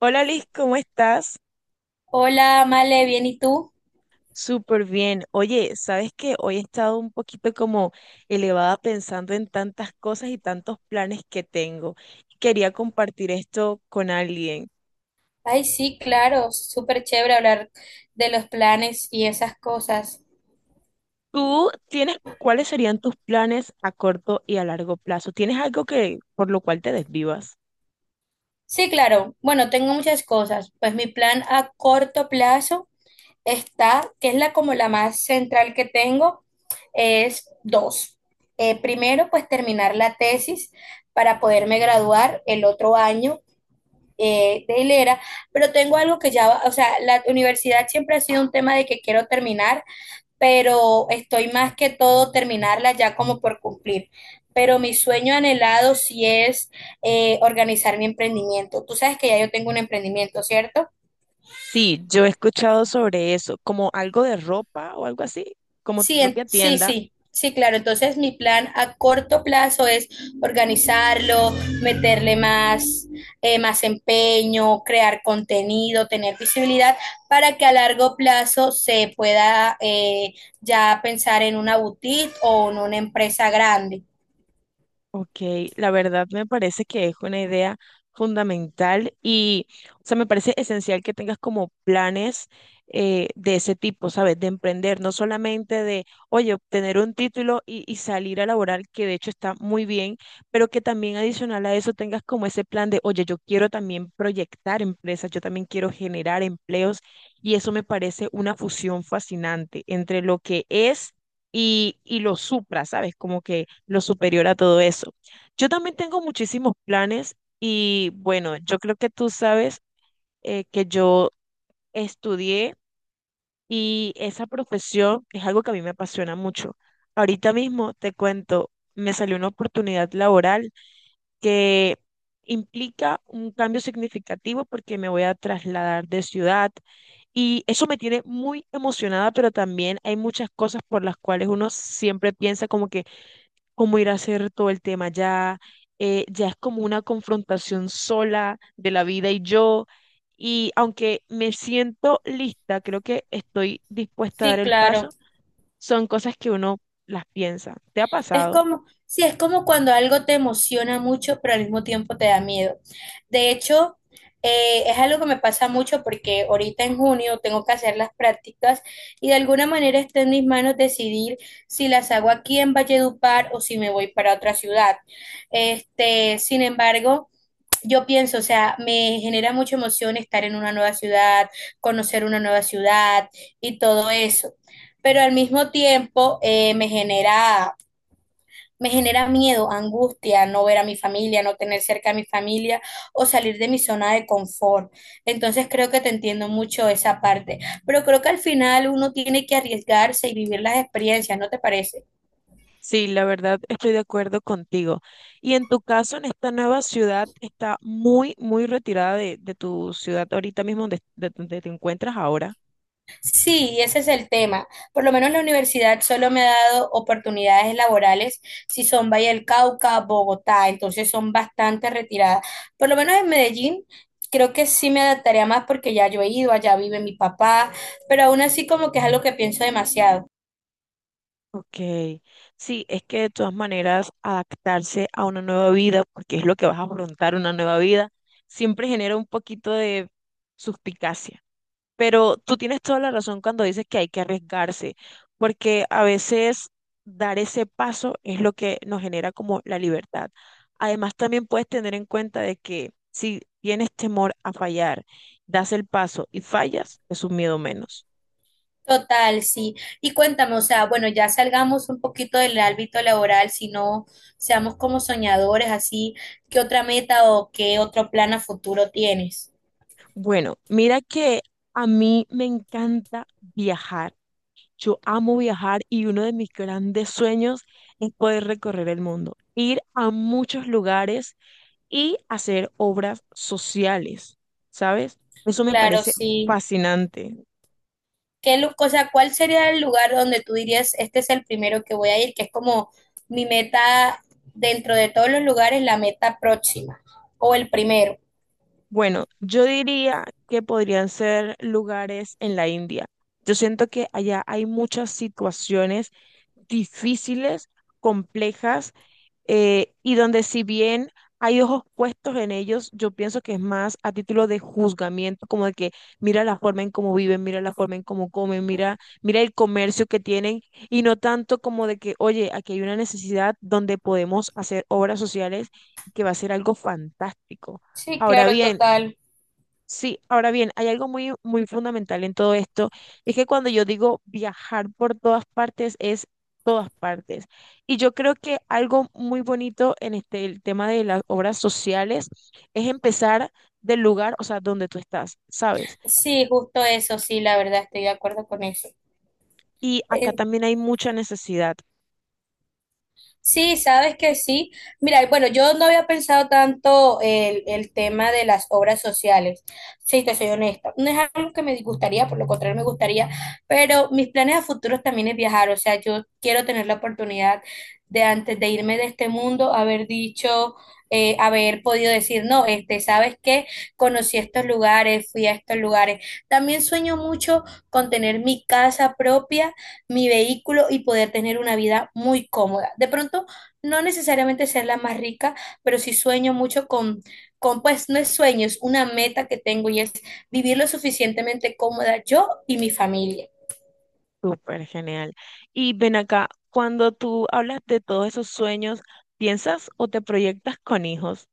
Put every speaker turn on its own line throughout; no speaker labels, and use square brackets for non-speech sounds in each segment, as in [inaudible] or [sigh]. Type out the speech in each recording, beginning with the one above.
Hola Liz, ¿cómo estás?
Hola, Male, ¿bien y tú?
Súper bien. Oye, ¿sabes qué? Hoy he estado un poquito como elevada pensando en tantas cosas y tantos planes que tengo. Quería compartir esto con alguien.
Ay, sí, claro, súper chévere hablar de los planes y esas cosas.
¿Tú tienes cuáles serían tus planes a corto y a largo plazo? ¿Tienes algo que por lo cual te desvivas?
Sí, claro, bueno, tengo muchas cosas. Pues mi plan a corto plazo está, que es la como la más central que tengo, es dos. Primero, pues terminar la tesis para poderme graduar el otro año de hilera, pero tengo algo que ya, o sea, la universidad siempre ha sido un tema de que quiero terminar pero estoy más que todo terminarla ya como por cumplir. Pero mi sueño anhelado sí es organizar mi emprendimiento. Tú sabes que ya yo tengo un emprendimiento, ¿cierto?
Sí, yo he escuchado sobre eso, como algo de ropa o algo así, como tu
Sí,
propia
sí,
tienda.
sí, claro. Entonces mi plan a corto plazo es organizarlo, meterle más, más empeño, crear contenido, tener visibilidad para que a largo plazo se pueda ya pensar en una boutique o en una empresa grande.
Ok, la verdad me parece que es una idea fundamental y, o sea, me parece esencial que tengas como planes de ese tipo, ¿sabes? De emprender, no solamente de, oye, obtener un título y salir a laborar, que de hecho está muy bien, pero que también adicional a eso tengas como ese plan de, oye, yo quiero también proyectar empresas, yo también quiero generar empleos y eso me parece una fusión fascinante entre lo que es y lo supra, ¿sabes? Como que lo superior a todo eso. Yo también tengo muchísimos planes y bueno, yo creo que tú sabes que yo estudié y esa profesión es algo que a mí me apasiona mucho. Ahorita mismo te cuento, me salió una oportunidad laboral que implica un cambio significativo porque me voy a trasladar de ciudad. Y eso me tiene muy emocionada, pero también hay muchas cosas por las cuales uno siempre piensa como que cómo ir a hacer todo el tema ya, ya es como una confrontación sola de la vida y yo, y aunque me siento lista, creo que estoy dispuesta a dar
Sí,
el
claro.
paso, son cosas que uno las piensa. ¿Te ha
Es
pasado?
como, sí, es como cuando algo te emociona mucho, pero al mismo tiempo te da miedo. De hecho, es algo que me pasa mucho porque ahorita en junio tengo que hacer las prácticas y de alguna manera está en mis manos decidir si las hago aquí en Valledupar o si me voy para otra ciudad. Este, sin embargo, yo pienso, o sea, me genera mucha emoción estar en una nueva ciudad, conocer una nueva ciudad y todo eso. Pero al mismo tiempo me genera miedo, angustia, no ver a mi familia, no tener cerca a mi familia o salir de mi zona de confort. Entonces creo que te entiendo mucho esa parte. Pero creo que al final uno tiene que arriesgarse y vivir las experiencias, ¿no te parece?
Sí, la verdad estoy de acuerdo contigo. Y en tu caso, en esta nueva ciudad, está muy, muy retirada de tu ciudad ahorita mismo donde, de donde te encuentras ahora.
Sí, ese es el tema. Por lo menos la universidad solo me ha dado oportunidades laborales si son Valle del Cauca, Bogotá, entonces son bastante retiradas. Por lo menos en Medellín creo que sí me adaptaría más porque ya yo he ido, allá vive mi papá, pero aún así como que es algo que pienso demasiado.
Ok, sí, es que de todas maneras adaptarse a una nueva vida, porque es lo que vas a afrontar, una nueva vida, siempre genera un poquito de suspicacia. Pero tú tienes toda la razón cuando dices que hay que arriesgarse, porque a veces dar ese paso es lo que nos genera como la libertad. Además, también puedes tener en cuenta de que si tienes temor a fallar, das el paso y fallas, es un miedo menos.
Total, sí. Y cuéntame, o sea, bueno, ya salgamos un poquito del ámbito laboral, si no seamos como soñadores, así, ¿qué otra meta o qué otro plan a futuro tienes?
Bueno, mira que a mí me encanta viajar. Yo amo viajar y uno de mis grandes sueños es poder recorrer el mundo, ir a muchos lugares y hacer obras sociales, ¿sabes? Eso me
Claro,
parece
sí.
fascinante.
¿Qué, o sea, cuál sería el lugar donde tú dirías, este es el primero que voy a ir, que es como mi meta dentro de todos los lugares, la meta próxima o el primero?
Bueno, yo diría que podrían ser lugares en la India. Yo siento que allá hay muchas situaciones difíciles, complejas y donde si bien hay ojos puestos en ellos, yo pienso que es más a título de juzgamiento, como de que mira la forma en cómo viven, mira la forma en cómo comen, mira, mira el comercio que tienen, y no tanto como de que, oye, aquí hay una necesidad donde podemos hacer obras sociales que va a ser algo fantástico.
Sí,
Ahora
claro,
bien,
total.
sí, ahora bien, hay algo muy, muy fundamental en todo esto, es que cuando yo digo viajar por todas partes, es todas partes. Y yo creo que algo muy bonito en este, el tema de las obras sociales es empezar del lugar, o sea, donde tú estás, ¿sabes?
Sí, justo eso, sí, la verdad, estoy de acuerdo con eso.
Y acá
Eh,
también hay mucha necesidad,
Sí, sabes que sí. Mira, y bueno, yo no había pensado tanto el tema de las obras sociales. Sí, te soy honesta. No es algo que me disgustaría, por lo contrario me gustaría, pero mis planes a futuros también es viajar. O sea, yo quiero tener la oportunidad de antes de irme de este mundo, haber dicho, haber podido decir, no, este, ¿sabes qué? Conocí estos lugares, fui a estos lugares. También sueño mucho con tener mi casa propia, mi vehículo y poder tener una vida muy cómoda. De pronto, no necesariamente ser la más rica, pero sí sueño mucho con, pues no es sueño, es una meta que tengo y es vivir lo suficientemente cómoda yo y mi familia.
súper genial. Y ven acá, cuando tú hablas de todos esos sueños, ¿piensas o te proyectas con hijos?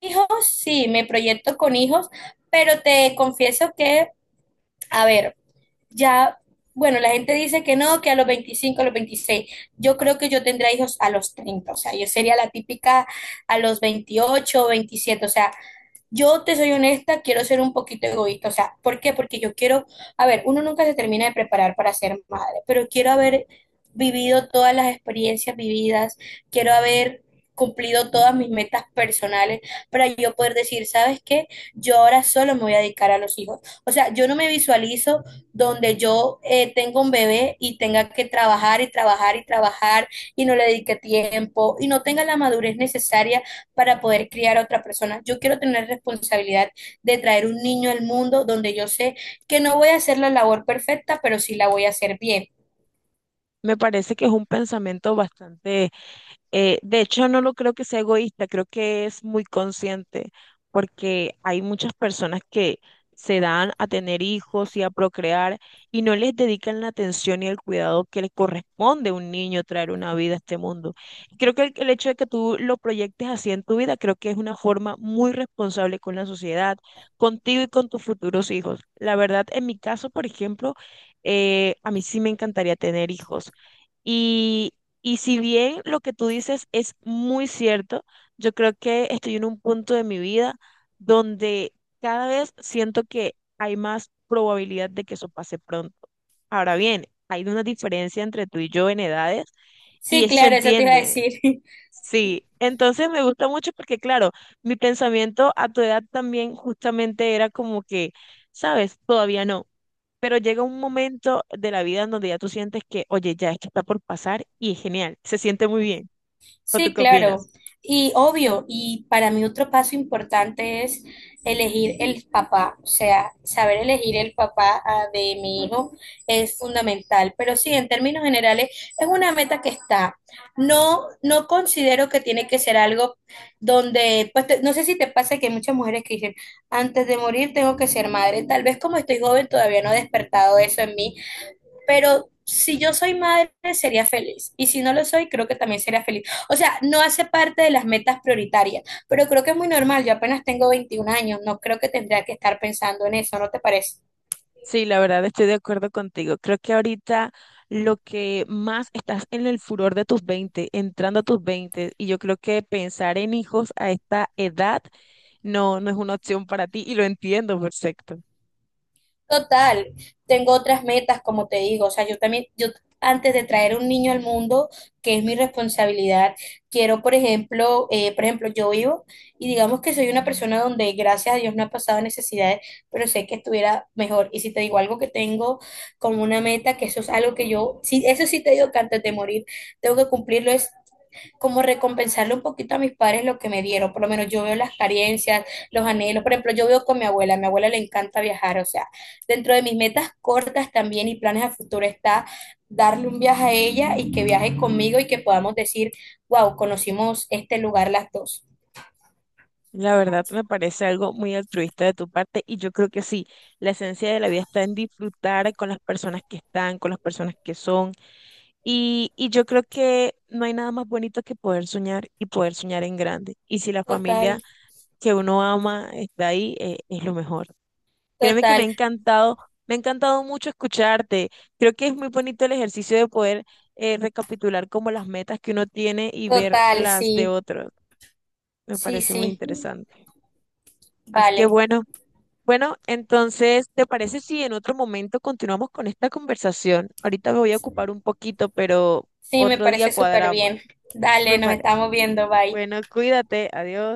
Hijos, sí, me proyecto con hijos, pero te confieso que, a ver, ya, bueno, la gente dice que no, que a los 25, a los 26. Yo creo que yo tendría hijos a los 30, o sea, yo sería la típica a los 28, 27, o sea, yo te soy honesta, quiero ser un poquito egoísta. O sea, ¿por qué? Porque yo quiero, a ver, uno nunca se termina de preparar para ser madre, pero quiero haber vivido todas las experiencias vividas, quiero haber cumplido todas mis metas personales para yo poder decir, ¿sabes qué? Yo ahora solo me voy a dedicar a los hijos. O sea, yo no me visualizo donde yo tengo un bebé y tenga que trabajar y trabajar y trabajar y no le dedique tiempo y no tenga la madurez necesaria para poder criar a otra persona. Yo quiero tener responsabilidad de traer un niño al mundo donde yo sé que no voy a hacer la labor perfecta, pero sí la voy a hacer bien.
Me parece que es un pensamiento bastante. De hecho, no lo creo que sea egoísta, creo que es muy consciente, porque hay muchas personas que se dan a tener hijos y a procrear y no les dedican la atención y el cuidado que le corresponde a un niño traer una vida a este mundo. Y creo que el hecho de que tú lo proyectes así en tu vida, creo que es una forma muy responsable con la sociedad, contigo y con tus futuros hijos. La verdad, en mi caso, por ejemplo, a mí sí me encantaría tener hijos. Y, y si bien lo que tú dices es muy cierto, yo creo que estoy en un punto de mi vida donde cada vez siento que hay más probabilidad de que eso pase pronto. Ahora bien, hay una diferencia entre tú y yo en edades y
Sí,
eso se
claro, eso te iba a
entiende.
decir. [laughs]
Sí, entonces me gusta mucho porque, claro, mi pensamiento a tu edad también justamente era como que, sabes, todavía no. Pero llega un momento de la vida en donde ya tú sientes que, oye, ya esto está por pasar y es genial, se siente muy bien. ¿O tú
Sí,
qué
claro.
opinas?
Y obvio, y para mí otro paso importante es elegir el papá, o sea, saber elegir el papá ah, de mi hijo es fundamental. Pero sí, en términos generales, es una meta que está. No, no considero que tiene que ser algo donde, pues no sé si te pasa que hay muchas mujeres que dicen, antes de morir tengo que ser madre. Tal vez como estoy joven todavía no he despertado eso en mí pero si yo soy madre, sería feliz. Y si no lo soy, creo que también sería feliz. O sea, no hace parte de las metas prioritarias, pero creo que es muy normal. Yo apenas tengo 21 años, no creo que tendría que estar pensando en eso, ¿no te parece?
Sí, la verdad estoy de acuerdo contigo. Creo que ahorita lo que más estás en el furor de tus 20 entrando a tus 20 y yo creo que pensar en hijos a esta edad no, no es una opción para ti y lo entiendo perfecto.
Total, tengo otras metas, como te digo, o sea, yo también, yo antes de traer un niño al mundo, que es mi responsabilidad, quiero, por ejemplo, yo vivo y digamos que soy una persona donde gracias a Dios no ha pasado necesidades, pero sé que estuviera mejor. Y si te digo algo que tengo como una meta, que eso es algo que yo, sí, eso sí te digo que antes de morir tengo que cumplirlo, es como recompensarle un poquito a mis padres lo que me dieron. Por lo menos yo veo las carencias, los anhelos. Por ejemplo, yo veo con mi abuela, a mi abuela le encanta viajar. O sea, dentro de mis metas cortas también y planes a futuro está darle un viaje a ella y que viaje conmigo y que podamos decir, wow, conocimos este lugar las dos.
La verdad me parece algo muy altruista de tu parte y yo creo que sí, la esencia de la vida está en disfrutar con las personas que están, con las personas que son. Y yo creo que no hay nada más bonito que poder soñar y poder soñar en grande. Y si la
Total,
familia que uno ama está ahí, es lo mejor. Créeme que
total,
me ha encantado mucho escucharte. Creo que es muy bonito el ejercicio de poder, recapitular como las metas que uno tiene y ver
total,
las de
sí,
otros. Me
sí,
parece muy
sí.
interesante. Así que
Vale,
bueno, bueno, entonces, ¿te parece si en otro momento continuamos con esta conversación? Ahorita me voy a ocupar un poquito, pero
sí, me
otro día
parece súper
cuadramos.
bien. Dale,
Me
nos
parece.
estamos viendo, bye.
Bueno, cuídate, adiós.